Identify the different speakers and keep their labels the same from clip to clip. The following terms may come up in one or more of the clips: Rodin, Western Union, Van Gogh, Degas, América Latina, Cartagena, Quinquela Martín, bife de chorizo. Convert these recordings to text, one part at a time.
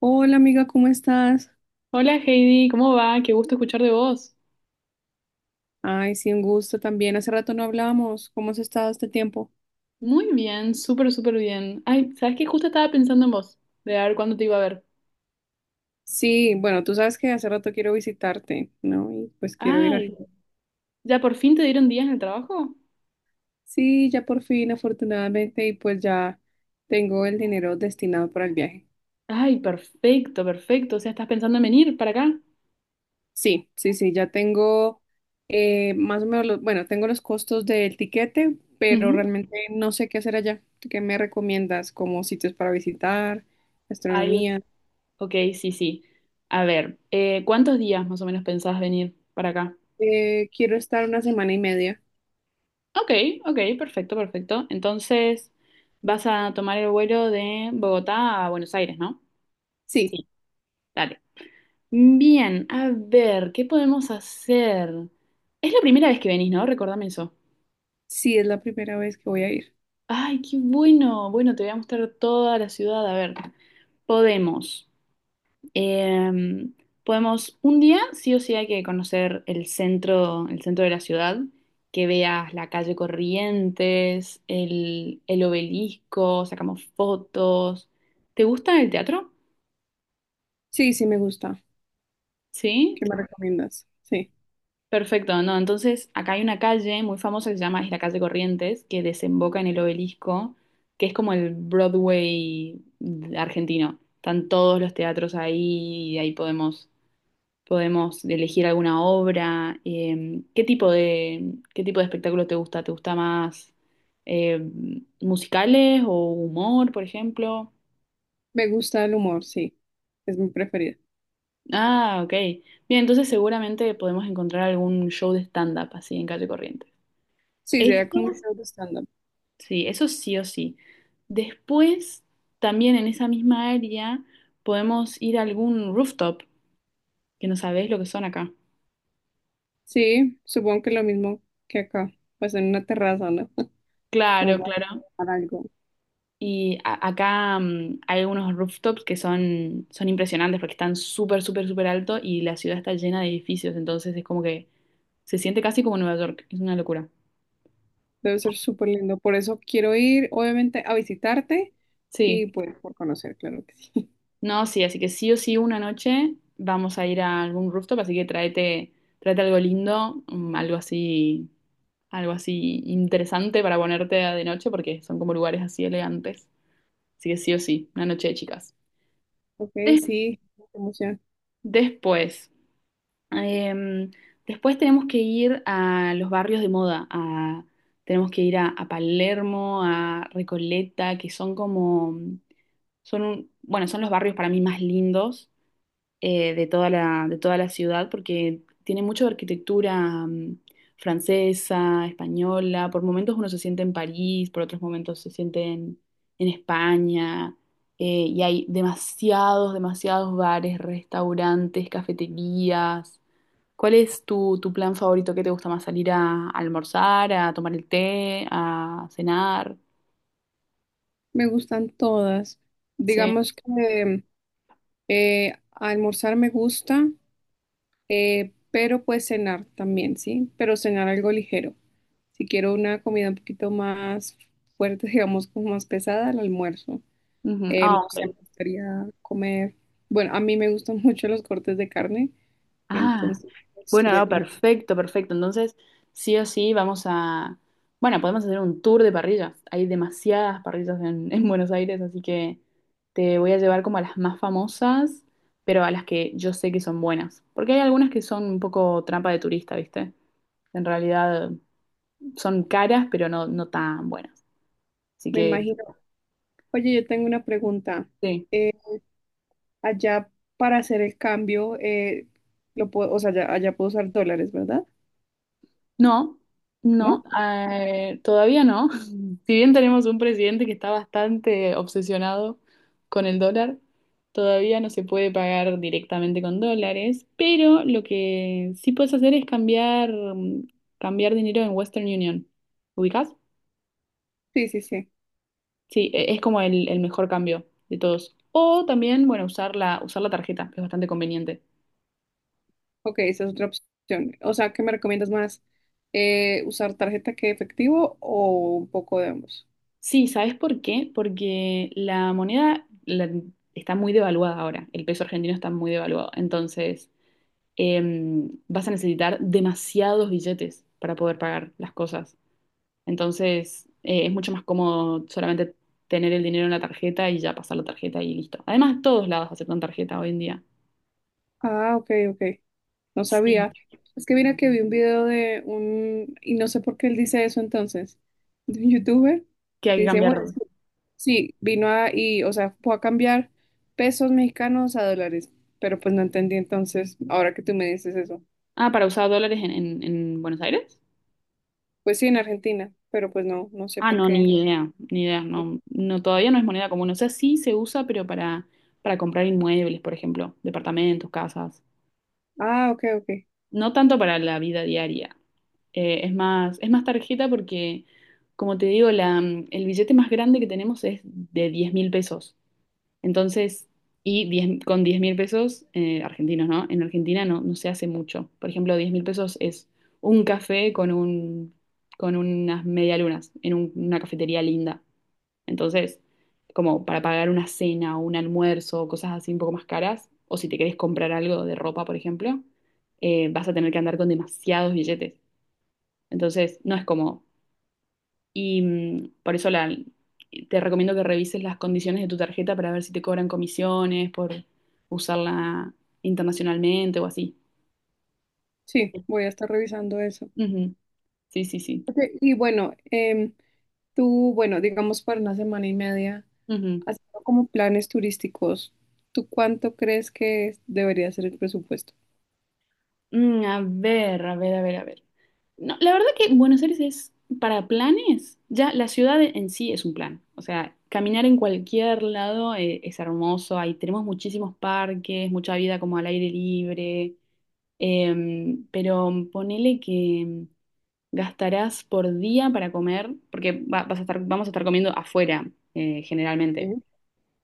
Speaker 1: Hola amiga, ¿cómo estás?
Speaker 2: Hola Heidi, ¿cómo va? Qué gusto escuchar de vos.
Speaker 1: Ay, sí, un gusto también. Hace rato no hablábamos. ¿Cómo has estado este tiempo?
Speaker 2: Muy bien, súper, súper bien. Ay, ¿sabes qué? Justo estaba pensando en vos, de a ver cuándo te iba a ver.
Speaker 1: Sí, bueno, tú sabes que hace rato quiero visitarte, ¿no? Y pues quiero ir a
Speaker 2: Ay,
Speaker 1: Argentina.
Speaker 2: ¿ya por fin te dieron días en el trabajo?
Speaker 1: Sí, ya por fin, afortunadamente, y pues ya tengo el dinero destinado para el viaje.
Speaker 2: Ay, perfecto, perfecto. O sea, ¿estás pensando en venir para acá?
Speaker 1: Sí, sí, sí, ya tengo más o menos, bueno, tengo los costos del tiquete, pero
Speaker 2: Ujú.
Speaker 1: realmente no sé qué hacer allá. ¿Tú ¿Qué me recomiendas como sitios para visitar,
Speaker 2: Ay,
Speaker 1: gastronomía?
Speaker 2: ok, sí, sí. A ver, ¿cuántos días más o menos pensás venir para acá?
Speaker 1: Quiero estar una semana y media.
Speaker 2: Ok, ok, perfecto, perfecto. Entonces, vas a tomar el vuelo de Bogotá a Buenos Aires, ¿no?
Speaker 1: Sí.
Speaker 2: Sí, dale. Bien, a ver, ¿qué podemos hacer? Es la primera vez que venís, ¿no? Recordame eso.
Speaker 1: Sí, es la primera vez que voy a ir.
Speaker 2: Ay, qué bueno. Bueno, te voy a mostrar toda la ciudad. A ver, podemos. eh, podemos un día, sí o sí hay que conocer el centro de la ciudad, que veas la calle Corrientes, el obelisco, sacamos fotos. ¿Te gusta el teatro?
Speaker 1: Sí, sí, me gusta.
Speaker 2: ¿Sí?
Speaker 1: ¿Qué me recomiendas? Sí,
Speaker 2: Perfecto, no, entonces acá hay una calle muy famosa que se llama, es la calle Corrientes, que desemboca en el Obelisco, que es como el Broadway argentino. Están todos los teatros ahí y ahí podemos elegir alguna obra. Qué tipo de espectáculo te gusta? ¿Te gusta más eh, musicales o humor, por ejemplo?
Speaker 1: me gusta el humor, sí. Es mi preferida.
Speaker 2: Ah, ok. Bien, entonces seguramente podemos encontrar algún show de stand-up así en calle Corrientes.
Speaker 1: Sí, sería como un
Speaker 2: Eso
Speaker 1: show de stand-up.
Speaker 2: Sí, eso sí o sí. Después, también en esa misma área, podemos ir a algún rooftop, que no sabés lo que son acá.
Speaker 1: Sí, supongo que lo mismo que acá, pues en una terraza, ¿no? Como
Speaker 2: Claro, claro.
Speaker 1: para algo.
Speaker 2: Y acá hay algunos rooftops que son, son impresionantes porque están súper, súper, súper alto y la ciudad está llena de edificios, entonces es como que se siente casi como Nueva York, es una locura.
Speaker 1: Debe ser súper lindo. Por eso quiero ir, obviamente, a visitarte y
Speaker 2: Sí,
Speaker 1: pues por conocer, claro que sí.
Speaker 2: no, sí, así que sí o sí una noche vamos a ir a algún rooftop, así que tráete, tráete algo lindo, algo así interesante para ponerte de noche porque son como lugares así elegantes. Así que sí o sí, una noche de chicas.
Speaker 1: Ok,
Speaker 2: Des-
Speaker 1: sí, qué emoción.
Speaker 2: después, em, después tenemos que ir a los barrios de moda, tenemos que ir a Palermo, a Recoleta, que son como, bueno, son los barrios para mí más lindos de toda la ciudad porque tiene mucho de arquitectura francesa, española. Por momentos uno se siente en París, por otros momentos se siente en España. Y hay demasiados, demasiados bares, restaurantes, cafeterías. ¿Cuál es tu, tu plan favorito? ¿Qué te gusta más? ¿Salir a almorzar, a tomar el té, a cenar?
Speaker 1: Me gustan todas.
Speaker 2: Sí.
Speaker 1: Digamos que almorzar me gusta. Pero pues cenar también, ¿sí? Pero cenar algo ligero. Si quiero una comida un poquito más fuerte, digamos como más pesada, el almuerzo.
Speaker 2: Ujú. Ah,
Speaker 1: No sé, me
Speaker 2: ok.
Speaker 1: gustaría comer. Bueno, a mí me gustan mucho los cortes de carne,
Speaker 2: Ah,
Speaker 1: entonces pues,
Speaker 2: bueno,
Speaker 1: sería
Speaker 2: no,
Speaker 1: como,
Speaker 2: perfecto, perfecto. Entonces, sí o sí, vamos a... Bueno, podemos hacer un tour de parrillas. Hay demasiadas parrillas en, en Buenos Aires, así que te voy a llevar como a las más famosas, pero a las que yo sé que son buenas. Porque hay algunas que son un poco trampa de turista, ¿viste? En realidad son caras, pero no, no tan buenas. Así
Speaker 1: me
Speaker 2: que,
Speaker 1: imagino. Oye, yo tengo una pregunta.
Speaker 2: sí.
Speaker 1: Eh, allá para hacer el cambio, lo puedo, o sea, allá puedo usar dólares, ¿verdad?
Speaker 2: No, no,
Speaker 1: ¿No?
Speaker 2: todavía no. Si bien tenemos un presidente que está bastante obsesionado con el dólar, todavía no se puede pagar directamente con dólares, pero lo que sí puedes hacer es cambiar, cambiar dinero en Western Union. ¿Ubicás?
Speaker 1: Sí, sí, sí.
Speaker 2: Sí, es como el mejor cambio de todos. O también, bueno, usar la tarjeta, que es bastante conveniente.
Speaker 1: Ok, esa es otra opción. O sea, ¿qué me recomiendas más? ¿Usar tarjeta que efectivo o un poco de ambos?
Speaker 2: Sí, ¿sabes por qué? Porque está muy devaluada ahora. El peso argentino está muy devaluado. Entonces... vas a necesitar demasiados billetes para poder pagar las cosas. Entonces, es mucho más cómodo solamente tener el dinero en la tarjeta y ya pasar la tarjeta y listo. Además, todos lados aceptan tarjeta hoy en día.
Speaker 1: Ah, ok, ok. No sabía.
Speaker 2: Sí.
Speaker 1: Es que mira que vi un video de un, y no sé por qué él dice eso entonces, de un youtuber.
Speaker 2: Que hay
Speaker 1: Y
Speaker 2: que
Speaker 1: dice,
Speaker 2: cambiar.
Speaker 1: bueno, sí, o sea, fue a cambiar pesos mexicanos a dólares. Pero pues no entendí entonces, ahora que tú me dices eso.
Speaker 2: Ah, para usar dólares en, en Buenos Aires.
Speaker 1: Pues sí, en Argentina, pero pues no, no sé
Speaker 2: Ah,
Speaker 1: por
Speaker 2: no, ni
Speaker 1: qué.
Speaker 2: idea, ni idea, no, no, todavía no es moneda común. O sea, sí se usa, pero para comprar inmuebles, por ejemplo, departamentos, casas.
Speaker 1: Ah, ok, ok.
Speaker 2: No tanto para la vida diaria. Es más tarjeta porque, como te digo, el billete más grande que tenemos es de 10.000 pesos. Entonces, y 10 con 10.000 pesos, argentinos, ¿no? En Argentina no, no se hace mucho. Por ejemplo, 10.000 pesos es un café con un, con unas medialunas en una cafetería linda. Entonces, como para pagar una cena o un almuerzo, cosas así un poco más caras, o si te querés comprar algo de ropa, por ejemplo, vas a tener que andar con demasiados billetes. Entonces, no es cómodo. Y por eso te recomiendo que revises las condiciones de tu tarjeta para ver si te cobran comisiones por usarla internacionalmente o así.
Speaker 1: Sí, voy a estar revisando eso.
Speaker 2: Ujú. Sí, sí, sí.
Speaker 1: Ok, y bueno, tú, bueno, digamos para una semana y media,
Speaker 2: Ujú.
Speaker 1: haciendo como planes turísticos, ¿tú cuánto crees que debería ser el presupuesto?
Speaker 2: Mm, a ver, a ver, a ver, a ver. No, la verdad que Buenos Aires es para planes, ya la ciudad en sí es un plan. O sea, caminar en cualquier lado es hermoso. Ahí tenemos muchísimos parques, mucha vida como al aire libre. Pero ponele que gastarás por día para comer, porque vas a estar, vamos a estar comiendo afuera generalmente
Speaker 1: Ujú.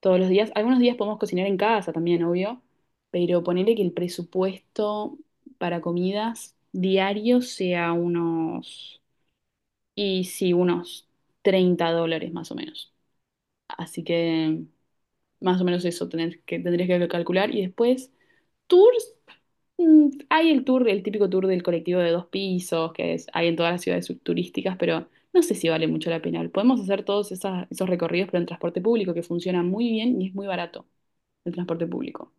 Speaker 2: todos los días. Algunos días podemos cocinar en casa también, obvio, pero ponerle que el presupuesto para comidas diarios sea unos, y sí, unos US$30 más o menos. Así que más o menos eso tener que, tendrías que calcular y después Tours, hay el tour, el típico tour del colectivo de dos pisos, hay en todas las ciudades turísticas, pero no sé si vale mucho la pena. Podemos hacer todos esos recorridos, pero en transporte público, que funciona muy bien y es muy barato el transporte público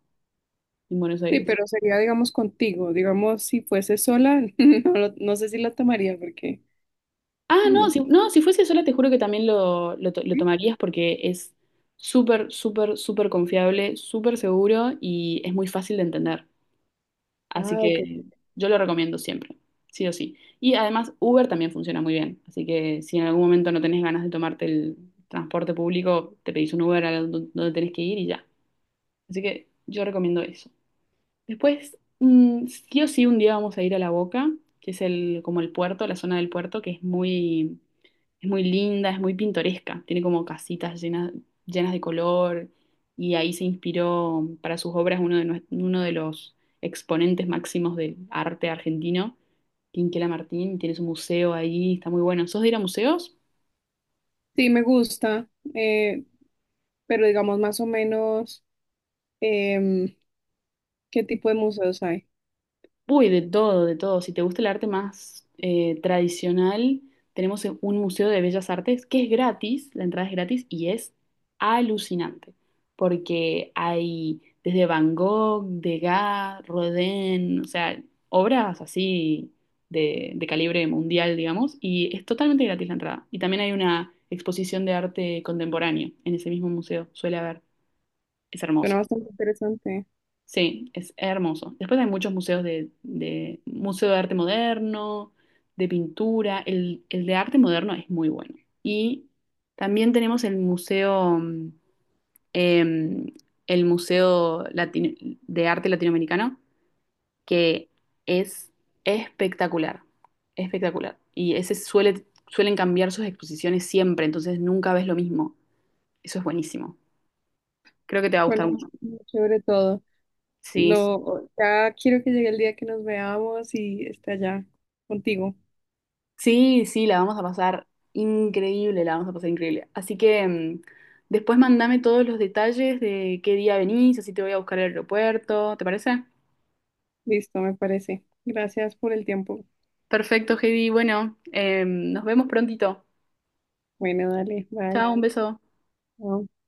Speaker 2: en Buenos
Speaker 1: Sí,
Speaker 2: Aires.
Speaker 1: pero sería, digamos, contigo. Digamos, si fuese sola, no, no sé si la tomaría porque
Speaker 2: Ah,
Speaker 1: no
Speaker 2: no, si,
Speaker 1: sé.
Speaker 2: no, si fuese sola, te juro que también lo, lo tomarías porque es súper, súper, súper confiable, súper seguro y es muy fácil de entender. Así
Speaker 1: Ah, ok.
Speaker 2: que yo lo recomiendo siempre, sí o sí. Y además Uber también funciona muy bien, así que si en algún momento no tenés ganas de tomarte el transporte público, te pedís un Uber a donde tenés que ir y ya. Así que yo recomiendo eso. Después, sí o sí, un día vamos a ir a La Boca, que es el, como el puerto, la zona del puerto, que es muy linda, es muy pintoresca. Tiene como casitas llenas, llenas de color y ahí se inspiró para sus obras uno de los exponentes máximos del arte argentino, Quinquela Martín. Tiene su museo ahí, está muy bueno. ¿Sos de ir a museos?
Speaker 1: Sí, me gusta, eh, pero digamos más o menos em, qué tipo de museos hay.
Speaker 2: Uy, de todo, de todo. Si te gusta el arte más tradicional, tenemos e, un museo de bellas artes que es gratis, la entrada es gratis y es alucinante, porque hay desde Van Gogh, Degas, Rodin, o sea, obras así de calibre mundial, digamos, y es totalmente gratis la entrada. Y también hay una exposición de arte contemporáneo en ese mismo museo, suele haber, es
Speaker 1: Suena
Speaker 2: hermoso.
Speaker 1: bastante interesante.
Speaker 2: Sí, es hermoso. Después hay muchos museos de museo de arte moderno, de pintura. El de arte moderno es muy bueno. Y también tenemos em, el museo de arte latinoamericano, que es espectacular, espectacular. Y ese suele, suelen cambiar sus exposiciones siempre, entonces nunca ves lo mismo. Eso es buenísimo. Creo que te va a gustar
Speaker 1: Suena
Speaker 2: mucho.
Speaker 1: muy chévere todo.
Speaker 2: Sí, sí.
Speaker 1: No, ya quiero que llegue el día que nos veamos y esté allá contigo.
Speaker 2: Sí, sí, la vamos a pasar increíble, la vamos a pasar increíble. Así que después mandame todos los detalles de qué día venís, así te voy a buscar al aeropuerto, ¿te parece?
Speaker 1: Listo, me parece. Gracias por el tiempo.
Speaker 2: Perfecto, Heidi. Bueno, nos vemos prontito.
Speaker 1: Bueno, dale, bye.
Speaker 2: Chao, un beso.
Speaker 1: Chao.